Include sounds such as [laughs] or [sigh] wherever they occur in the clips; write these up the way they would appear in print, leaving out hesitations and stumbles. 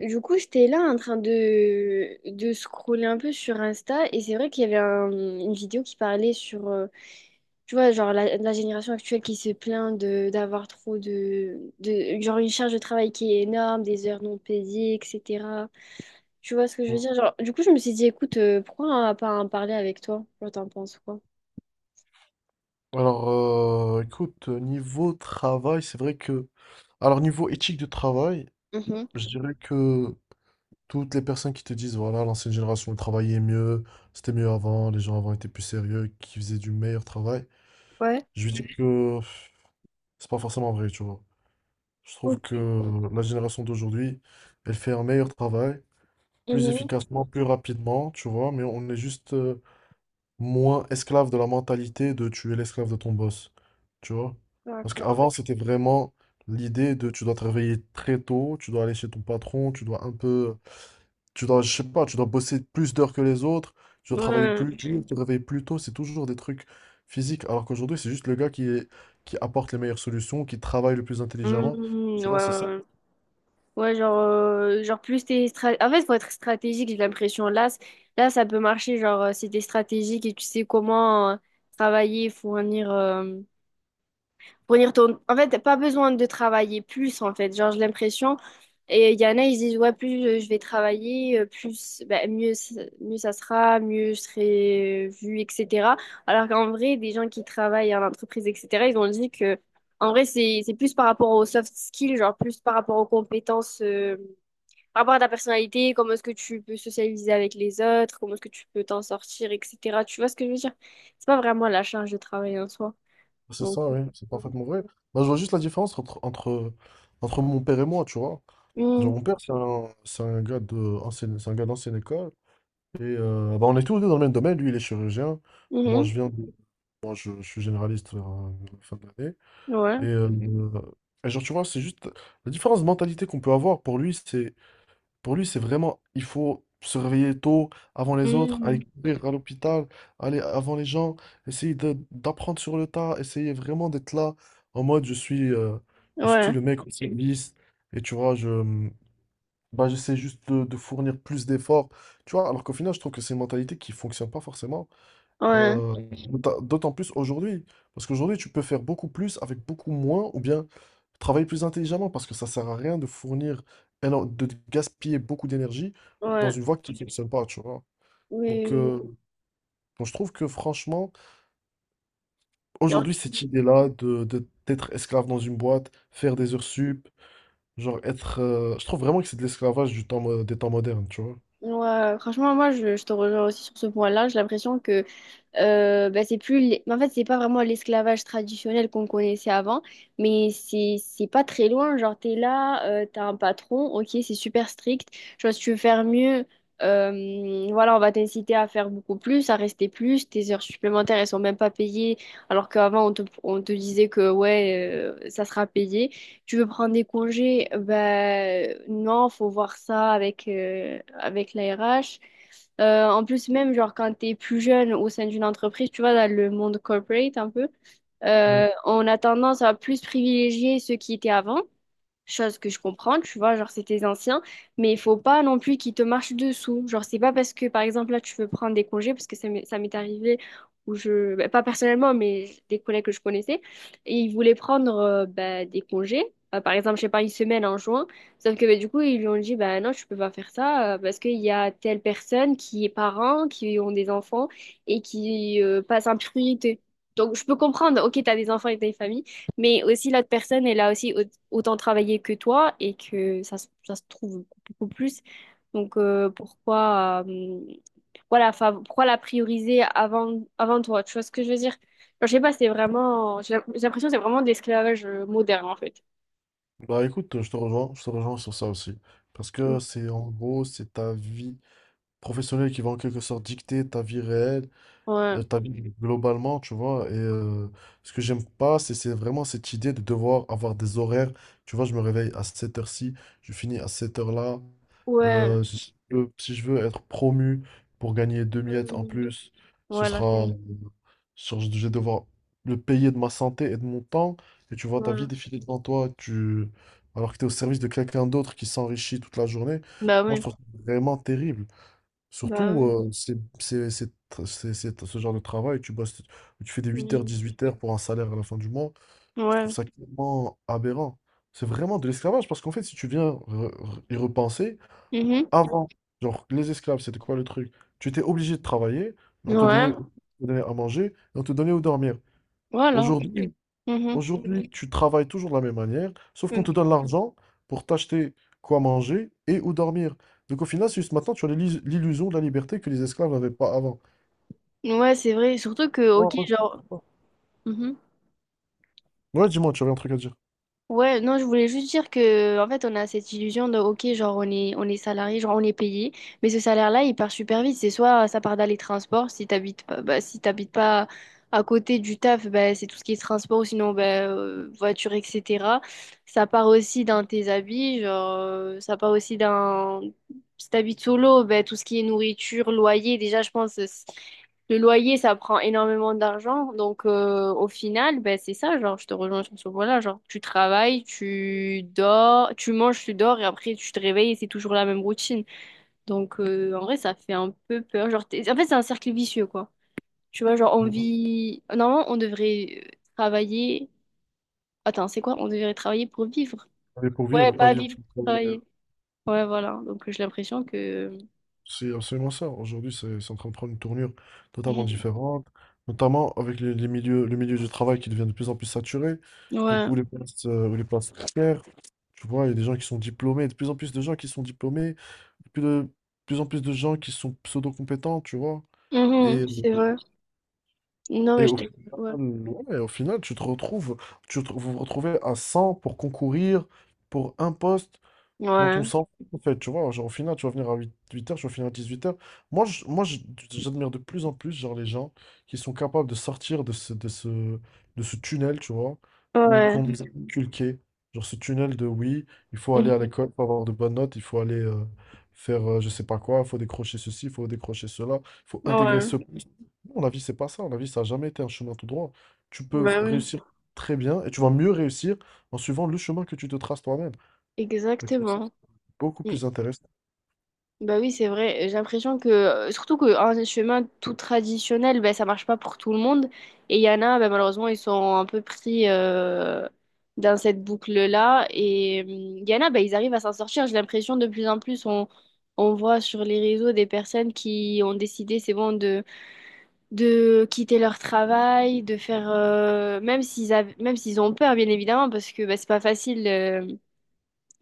Du coup, j'étais là en train de scroller un peu sur Insta, et c'est vrai qu'il y avait une vidéo qui parlait sur, tu vois, genre la génération actuelle qui se plaint de d'avoir trop genre une charge de travail qui est énorme, des heures non payées, etc. Tu vois ce que je veux Mm. dire? Genre, du coup, je me suis dit, écoute, pourquoi pas en parler avec toi? Genre, t'en penses quoi? Alors, écoute, niveau travail, c'est vrai que. Alors, niveau éthique de travail, Mhm. je dirais que toutes les personnes qui te disent, voilà, l'ancienne génération travaillait mieux, c'était mieux avant, les gens avant étaient plus sérieux, qui faisaient du meilleur travail, Ouais. je lui dis que pff, c'est pas forcément vrai, tu vois. Je trouve Ok. que la génération d'aujourd'hui, elle fait un meilleur travail, plus Mhm. efficacement, plus rapidement, tu vois, mais on est juste, moins esclave de la mentalité de tu es l'esclave de ton boss. Tu vois? Parce D'accord. qu'avant, c'était vraiment l'idée de tu dois travailler très tôt, tu dois aller chez ton patron, tu dois un peu. Tu dois, je sais pas, tu dois bosser plus d'heures que les autres, tu dois travailler Ouais. plus dur, te réveiller plus tôt, c'est toujours des trucs physiques. Alors qu'aujourd'hui, c'est juste le gars qui est, qui apporte les meilleures solutions, qui travaille le plus intelligemment. Mmh, ouais, Tu vois, c'est ouais, ça. ouais. Ouais, genre, En fait, faut être stratégique, j'ai l'impression. Là, ça peut marcher, genre, si t'es stratégique et tu sais comment travailler, fournir, fournir ton... En fait, t'as pas besoin de travailler plus, en fait. Genre, j'ai l'impression. Et il y en a, ils disent, ouais, plus je vais travailler, plus, bah, mieux ça sera, mieux je serai vu, etc. Alors qu'en vrai, des gens qui travaillent en entreprise, etc., ils ont dit que, en vrai, c'est plus par rapport aux soft skills, genre, plus par rapport aux compétences. Par rapport à ta personnalité, comment est-ce que tu peux socialiser avec les autres, comment est-ce que tu peux t'en sortir, etc. Tu vois ce que je veux dire? C'est pas vraiment la charge de travail en soi. C'est Donc, ça, oui, c'est euh, parfaitement vrai. Moi, je vois juste la différence entre mon père et moi, tu vois. Genre, mm, mon père, c'est un gars d'ancienne école. Bah, on est tous les deux dans le même domaine. Lui, il est chirurgien. Moi, je mhm, viens de, moi, je suis généraliste vers la fin de l'année. Ouais, Mhm. Et genre, tu vois, c'est juste la différence de mentalité qu'on peut avoir. Pour lui, c'est vraiment, il faut se réveiller tôt, avant les autres, aller mm, courir à l'hôpital, aller avant les gens, essayer d'apprendre sur le tas, essayer vraiment d'être là en mode, je suis ouais, le mec au service. Et tu vois, bah, j'essaie juste de fournir plus d'efforts, tu vois, alors qu'au final, je trouve que c'est une mentalité qui fonctionne pas forcément, ouais, euh, d'autant plus aujourd'hui, parce qu'aujourd'hui, tu peux faire beaucoup plus avec beaucoup moins, ou bien travailler plus intelligemment, parce que ça sert à rien de gaspiller beaucoup d'énergie dans ouais, une voie qui ne fonctionne pas, tu vois. oui, Donc, oui, euh, oui. donc, je trouve que franchement, Genre, aujourd'hui, cette tu- idée-là de, d'être esclave dans une boîte, faire des heures sup, je trouve vraiment que c'est de l'esclavage du temps, des temps modernes, tu vois. ouais, franchement, moi, je te rejoins aussi sur ce point-là. J'ai l'impression que bah, c'est plus en fait c'est pas vraiment l'esclavage traditionnel qu'on connaissait avant, mais c'est pas très loin. Genre, t'es là, t'as un patron, ok, c'est super strict, genre si tu veux faire mieux, voilà, on va t'inciter à faire beaucoup plus, à rester plus, tes heures supplémentaires elles sont même pas payées. Alors qu'avant on on te disait que ouais, ça sera payé. Tu veux prendre des congés, ben non, faut voir ça avec avec la RH. En plus, même genre quand t'es plus jeune au sein d'une entreprise, tu vois, dans le monde corporate un peu, on a tendance à plus privilégier ceux qui étaient avant. Chose que je comprends, tu vois, genre c'est tes anciens, mais il faut pas non plus qu'ils te marchent dessous. Genre c'est pas parce que par exemple là tu veux prendre des congés, parce que ça m'est arrivé, où je, bah, pas personnellement, mais des collègues que je connaissais, et ils voulaient prendre bah, des congés. Par exemple, je sais pas, une semaine en juin, sauf que bah, du coup, ils lui ont dit, bah non, tu peux pas faire ça, parce qu'il y a telle personne qui est parent, qui ont des enfants, et qui passe en priorité. Donc, je peux comprendre, ok, t'as des enfants et t'as une famille, mais aussi, l'autre personne, elle a aussi autant travaillé que toi, et que ça, ça se trouve beaucoup plus. Donc, pourquoi, voilà, pourquoi la prioriser avant toi? Tu vois ce que je veux dire? Genre, je sais pas, c'est vraiment, j'ai l'impression que c'est vraiment de l'esclavage moderne, en fait. Bah écoute, je te rejoins sur ça aussi. Parce Mm. que c'est en gros, c'est ta vie professionnelle qui va en quelque sorte dicter ta vie réelle, Ouais, ta vie globalement, tu vois. Et ce que j'aime pas, c'est vraiment cette idée de devoir avoir des horaires. Tu vois, je me réveille à cette heure-ci, je finis à cette heure-là. ouais. Si je veux être promu pour gagner deux miettes en Mm. plus, ce Voilà, c'est, sera, euh, je vais devoir le payer de ma santé et de mon temps. Et tu vois ta vie ouais. défiler devant toi, alors que tu es au service de quelqu'un d'autre qui s'enrichit toute la journée. Bah Moi, je ouais, trouve ça vraiment terrible. bah Surtout, ouais. c'est ce genre de travail, tu bosses, tu fais des huit heures, Mm. dix-huit heures pour un salaire à la fin du mois. Je trouve Ouais. ça tellement aberrant. C'est vraiment de l'esclavage parce qu'en fait, si tu viens y repenser, Mhm. avant, genre, les esclaves, c'était quoi le truc? Tu étais obligé de travailler, mais Ouais, on te donnait à manger et on te donnait où dormir. voilà. Aujourd'hui, Mhm. Aujourd'hui, tu travailles toujours de la même manière, sauf qu'on Ok. te donne l'argent pour t'acheter quoi manger et où dormir. Donc au final, c'est juste maintenant, tu as l'illusion de la liberté que les esclaves n'avaient pas avant. Ouais, c'est vrai. Surtout que, Ouais, ok, ouais. genre. Mhm. Ouais, dis-moi, tu avais un truc à dire. Ouais, non, je voulais juste dire que, en fait, on a cette illusion de, ok, genre, on est salarié, genre, on est payé, mais ce salaire-là, il part super vite. C'est soit ça part dans les transports, si t'habites pas, bah, si t'habites pas à côté du taf, bah, c'est tout ce qui est transport, ou sinon, bah, voiture, etc. Ça part aussi dans tes habits, genre, ça part aussi dans, si t'habites solo, bah, tout ce qui est nourriture, loyer, déjà, je pense, le loyer, ça prend énormément d'argent. Donc, au final, ben, c'est ça, genre, je te rejoins sur ce point-là. Genre, tu travailles, tu dors, tu manges, tu dors, et après, tu te réveilles, et c'est toujours la même routine. Donc, en vrai, ça fait un peu peur. Genre, en fait, c'est un cercle vicieux, quoi. Tu vois, genre, on Ouais. vit... Normalement, on devrait travailler... Attends, c'est quoi? On devrait travailler pour vivre. Travailler pour vivre Ouais, et pas pas vivre vivre pour pour travailler. Travailler. Ouais, voilà. Donc, j'ai l'impression que... C'est absolument ça. Aujourd'hui, c'est en train de prendre une tournure totalement différente, notamment avec le milieu du travail qui devient de plus en plus saturé, donc Ouais. Où les places précaires, tu vois, il y a des gens qui sont diplômés, de plus en plus de gens qui sont diplômés, plus de plus en plus de gens qui sont pseudo-compétents, tu vois. Mhm, Et, c'est vrai. Non, mais et je au te... final, Ouais. ouais, au final, tu te retrouves, tu te- vous vous retrouvez à 100 pour concourir pour un poste dont on Ouais. s'en fout, en fait, tu vois, genre, au final, tu vas venir à 8h tu vas finir à 18h. Moi, je- moi je- j'admire de plus en plus, genre, les gens qui sont capables de sortir de ce, de ce tunnel, tu vois, ou Ouais. qu'on nous a inculqué, genre, ce tunnel de, oui, il faut aller à Mhm. l'école pour avoir de bonnes notes, il faut aller faire, je sais pas quoi, il faut décrocher ceci, il faut décrocher cela, il faut intégrer Ouais, ce. Non, la vie, c'est pas ça, la vie, ça n'a jamais été un chemin tout droit. Tu peux bah oui, réussir très bien, et tu vas mieux réussir en suivant le chemin que tu te traces toi-même. exactement. Beaucoup Mm. plus intéressant. Bah oui, c'est vrai. J'ai l'impression que, surtout qu'un chemin tout traditionnel, bah, ça marche pas pour tout le monde. Et il y en a, bah, malheureusement, ils sont un peu pris dans cette boucle-là. Et il y en a, bah, ils arrivent à s'en sortir. J'ai l'impression de plus en plus, on voit sur les réseaux des personnes qui ont décidé, c'est bon, de quitter leur travail, de faire, même s'ils ont peur, bien évidemment, parce que bah, c'est pas facile.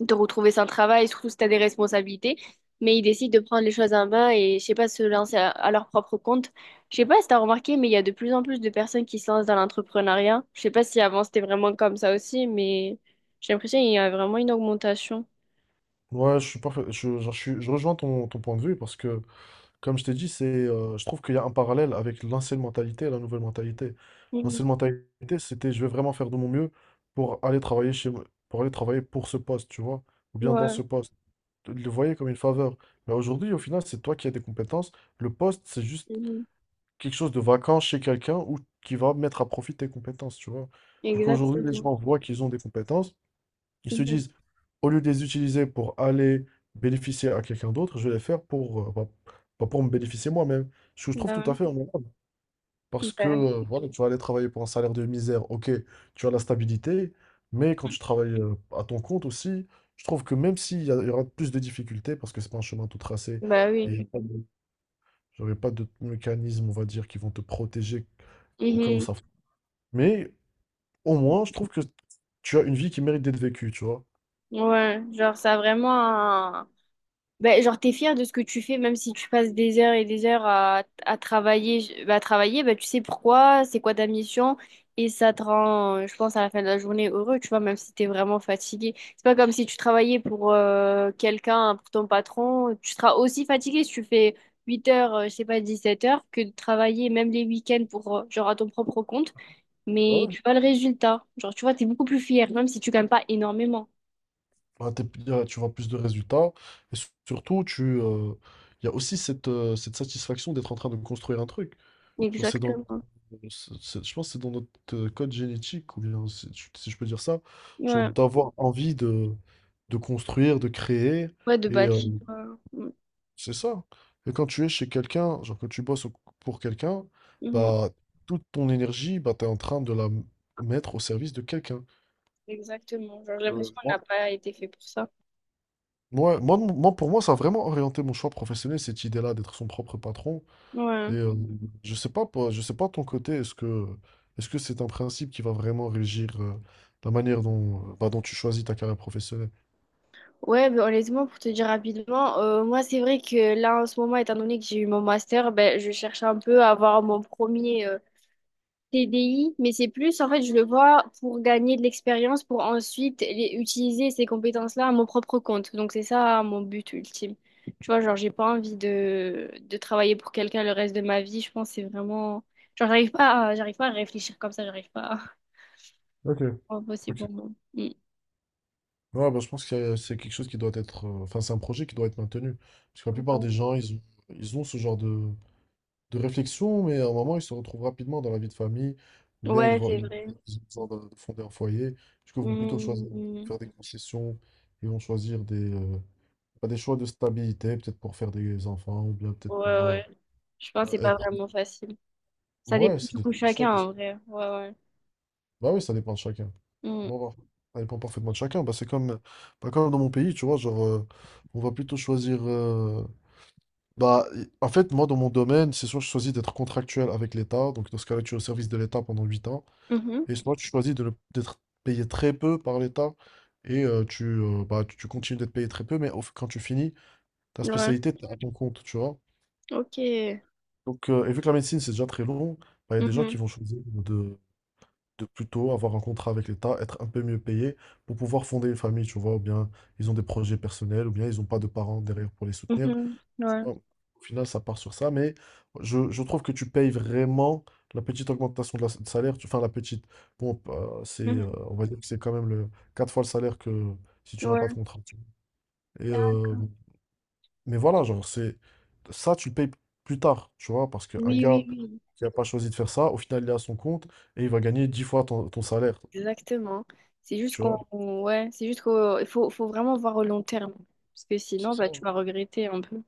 De retrouver son travail, surtout si tu as des responsabilités. Mais ils décident de prendre les choses en main et, je sais pas, se lancer à leur propre compte. Je sais pas si tu as remarqué, mais il y a de plus en plus de personnes qui se lancent dans l'entrepreneuriat. Je sais pas si avant c'était vraiment comme ça aussi, mais j'ai l'impression qu'il y a vraiment une augmentation. Ouais, je suis parfait. Je, genre, je rejoins ton point de vue parce que, comme je t'ai dit, c'est, je trouve qu'il y a un parallèle avec l'ancienne mentalité et la nouvelle mentalité. Mhm. L'ancienne mentalité, c'était je vais vraiment faire de mon mieux pour aller pour aller travailler pour ce poste, tu vois, ou bien dans Ouais. ce poste. Tu le voyais comme une faveur. Mais aujourd'hui, au final, c'est toi qui as des compétences. Le poste, c'est juste Mhm. quelque chose de vacant chez quelqu'un ou qui va mettre à profit tes compétences, tu vois. Du coup, aujourd'hui, les Exactement. gens voient qu'ils ont des compétences, ils se Mhm. disent, au lieu de les utiliser pour aller bénéficier à quelqu'un d'autre, je vais les faire pour, bah, pour me bénéficier moi-même. Ce que je trouve tout à Bah, fait honorable. ouais. Parce que, Bah, voilà, tu vas aller travailler pour un salaire de misère, ok, tu as la stabilité, mais quand tu travailles à ton compte aussi, je trouve que même s'il y, il y aura plus de difficultés, parce que c'est pas un chemin tout tracé, bah oui. et Genre, pas de mécanismes, on va dire, qui vont te protéger au cas où Mhm. ça. Mais au moins, je trouve que tu as une vie qui mérite d'être vécue, tu vois. Ouais, genre ça a vraiment ben, genre, t'es fier de ce que tu fais, même si tu passes des heures et des heures à travailler, ben, tu sais pourquoi, c'est quoi ta mission, et ça te rend, je pense, à la fin de la journée heureux, tu vois, même si t'es vraiment fatigué. C'est pas comme si tu travaillais pour quelqu'un, pour ton patron, tu seras aussi fatigué si tu fais 8 heures, je sais pas, 17 heures, que de travailler même les week-ends pour, genre, à ton propre compte, Ouais, mais ouais. tu vois le résultat. Genre, tu vois, t'es beaucoup plus fier, même si tu gagnes pas énormément. Tu vois plus de résultats. Et surtout, tu, il y a aussi cette, cette satisfaction d'être en train de construire un truc. Genre, c'est dans, Exactement. Je pense que c'est dans notre code génétique, ou bien, si je peux dire ça, genre Ouais, d'avoir envie de construire, de créer. ouais, de Et bâtir. Mm. euh, c'est ça. Et quand tu es chez quelqu'un, genre quand pour quelqu'un, Mhm. bah, toute ton énergie, bah, tu es en train de mettre au service de quelqu'un. Exactement. Genre, j'ai l'impression Euh, qu'on n'a pas été fait pour ça. Moi, pour moi, ça a vraiment orienté mon choix professionnel, cette idée-là d'être son propre patron. Ouais. Mhm. je sais pas, je sais pas de ton côté, est-ce que c'est un principe qui va vraiment régir la manière dont, bah, dont tu choisis ta carrière professionnelle? Ouais, ben, honnêtement, pour te dire rapidement, moi, c'est vrai que là, en ce moment, étant donné que j'ai eu mon master, ben, je cherche un peu à avoir mon premier TDI, mais c'est plus, en fait, je le vois pour gagner de l'expérience, pour ensuite utiliser ces compétences-là à mon propre compte. Donc, c'est ça mon but ultime. Tu vois, genre, j'ai pas envie de travailler pour quelqu'un le reste de ma vie. Je pense que c'est vraiment... Genre, j'arrive pas à réfléchir comme ça, j'arrive pas à... [laughs] Ok, C'est impossible ok. pour moi. Ouais, bah, je pense que c'est quelque chose qui doit être, enfin, c'est un projet qui doit être maintenu. Parce que la plupart des gens, ils ont ce genre de, réflexion, mais à un moment, ils se retrouvent rapidement dans la vie de famille, ou bien ils Ouais, vont, c'est ils Oui. vrai. Ils ont besoin de, fonder un foyer. Du coup, ils vont plutôt choisir de Hmm. faire des concessions, ils vont choisir bah, des choix de stabilité, peut-être pour faire des enfants, ou bien Ouais, peut-être pour ouais. Je pense que c'est pas être. vraiment facile. Ça Ouais, dépend c'est du des coup de choix chacun qui sont. en vrai. Ouais, ouais. Bah oui, ça dépend de chacun. Hmm. dépend par- ça dépend parfaitement de chacun. Bah, comme dans mon pays, tu vois, genre, on va plutôt choisir. Bah, en fait, moi, dans mon domaine, c'est soit je choisis d'être contractuel avec l'État, donc dans ce cas-là, tu es au service de l'État pendant 8 ans. Mhm. Et sinon, tu choisis de d'être payé très peu par l'État et bah, tu continues d'être payé très peu, mais quand tu finis, ta Ouais. spécialité, t'es à ton compte, tu vois. Ok. Donc, et vu que la médecine, c'est déjà très long, bah, il y a des gens qui Mhm. vont choisir de, plutôt avoir un contrat avec l'État, être un peu mieux payé pour pouvoir fonder une famille, tu vois, ou bien ils ont des projets personnels, ou bien ils n'ont pas de parents derrière pour les soutenir. Mhm. Ouais. Bon, au final, ça part sur ça, mais je trouve que tu payes vraiment la petite augmentation de salaire. Tu, enfin, la petite. Bon, Mhm. on va dire que c'est quand même le quatre fois le salaire que si tu n'as pas de Ouais. contrat, tu vois. Et, D'accord. mais voilà, genre, c'est, ça, tu le payes plus tard, tu vois, parce qu'un Oui, gars oui, oui. qui n'a pas choisi de faire ça, au final, il est à son compte et il va gagner 10 fois ton salaire, Exactement. C'est juste tu qu'on vois. ouais, c'est juste qu'il faut vraiment voir au long terme. Parce que C'est sinon, ça. bah, tu vas regretter un peu.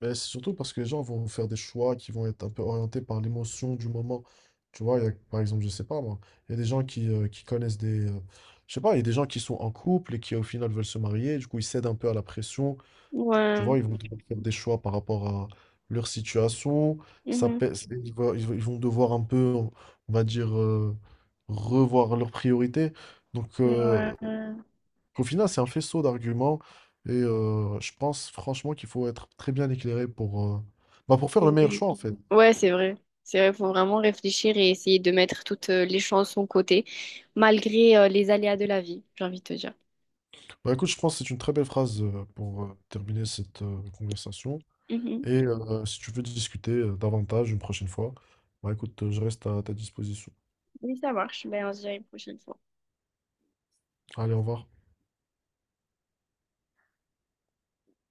Mais c'est surtout parce que les gens vont faire des choix qui vont être un peu orientés par l'émotion du moment. Tu vois, il y a, par exemple, je sais pas moi, il y a des gens qui connaissent des. Je sais pas, il y a des gens qui sont en couple et qui au final veulent se marier, du coup ils cèdent un peu à la pression. Tu Ouais. vois, ils vont devoir faire des choix par rapport à leur situation. Ça Mhm. pèse- ils vont, ils vont- ils vont devoir un peu, on va dire, revoir leurs priorités. Donc, Ouais. qu'au final, c'est un faisceau d'arguments et je pense franchement qu'il faut être très bien éclairé pour, bah, pour faire le meilleur Oui. choix en fait. Ouais, c'est vrai. C'est vrai, faut vraiment réfléchir et essayer de mettre toutes les chances de son côté, malgré les aléas de la vie, j'ai envie de te dire. Bah, écoute, je pense que c'est une très belle phrase pour terminer cette conversation Mhm. et si tu veux discuter davantage une prochaine fois, bah, écoute, je reste à ta disposition. Oui, ça marche. Ben, on se dit à une prochaine fois. Allez, au revoir.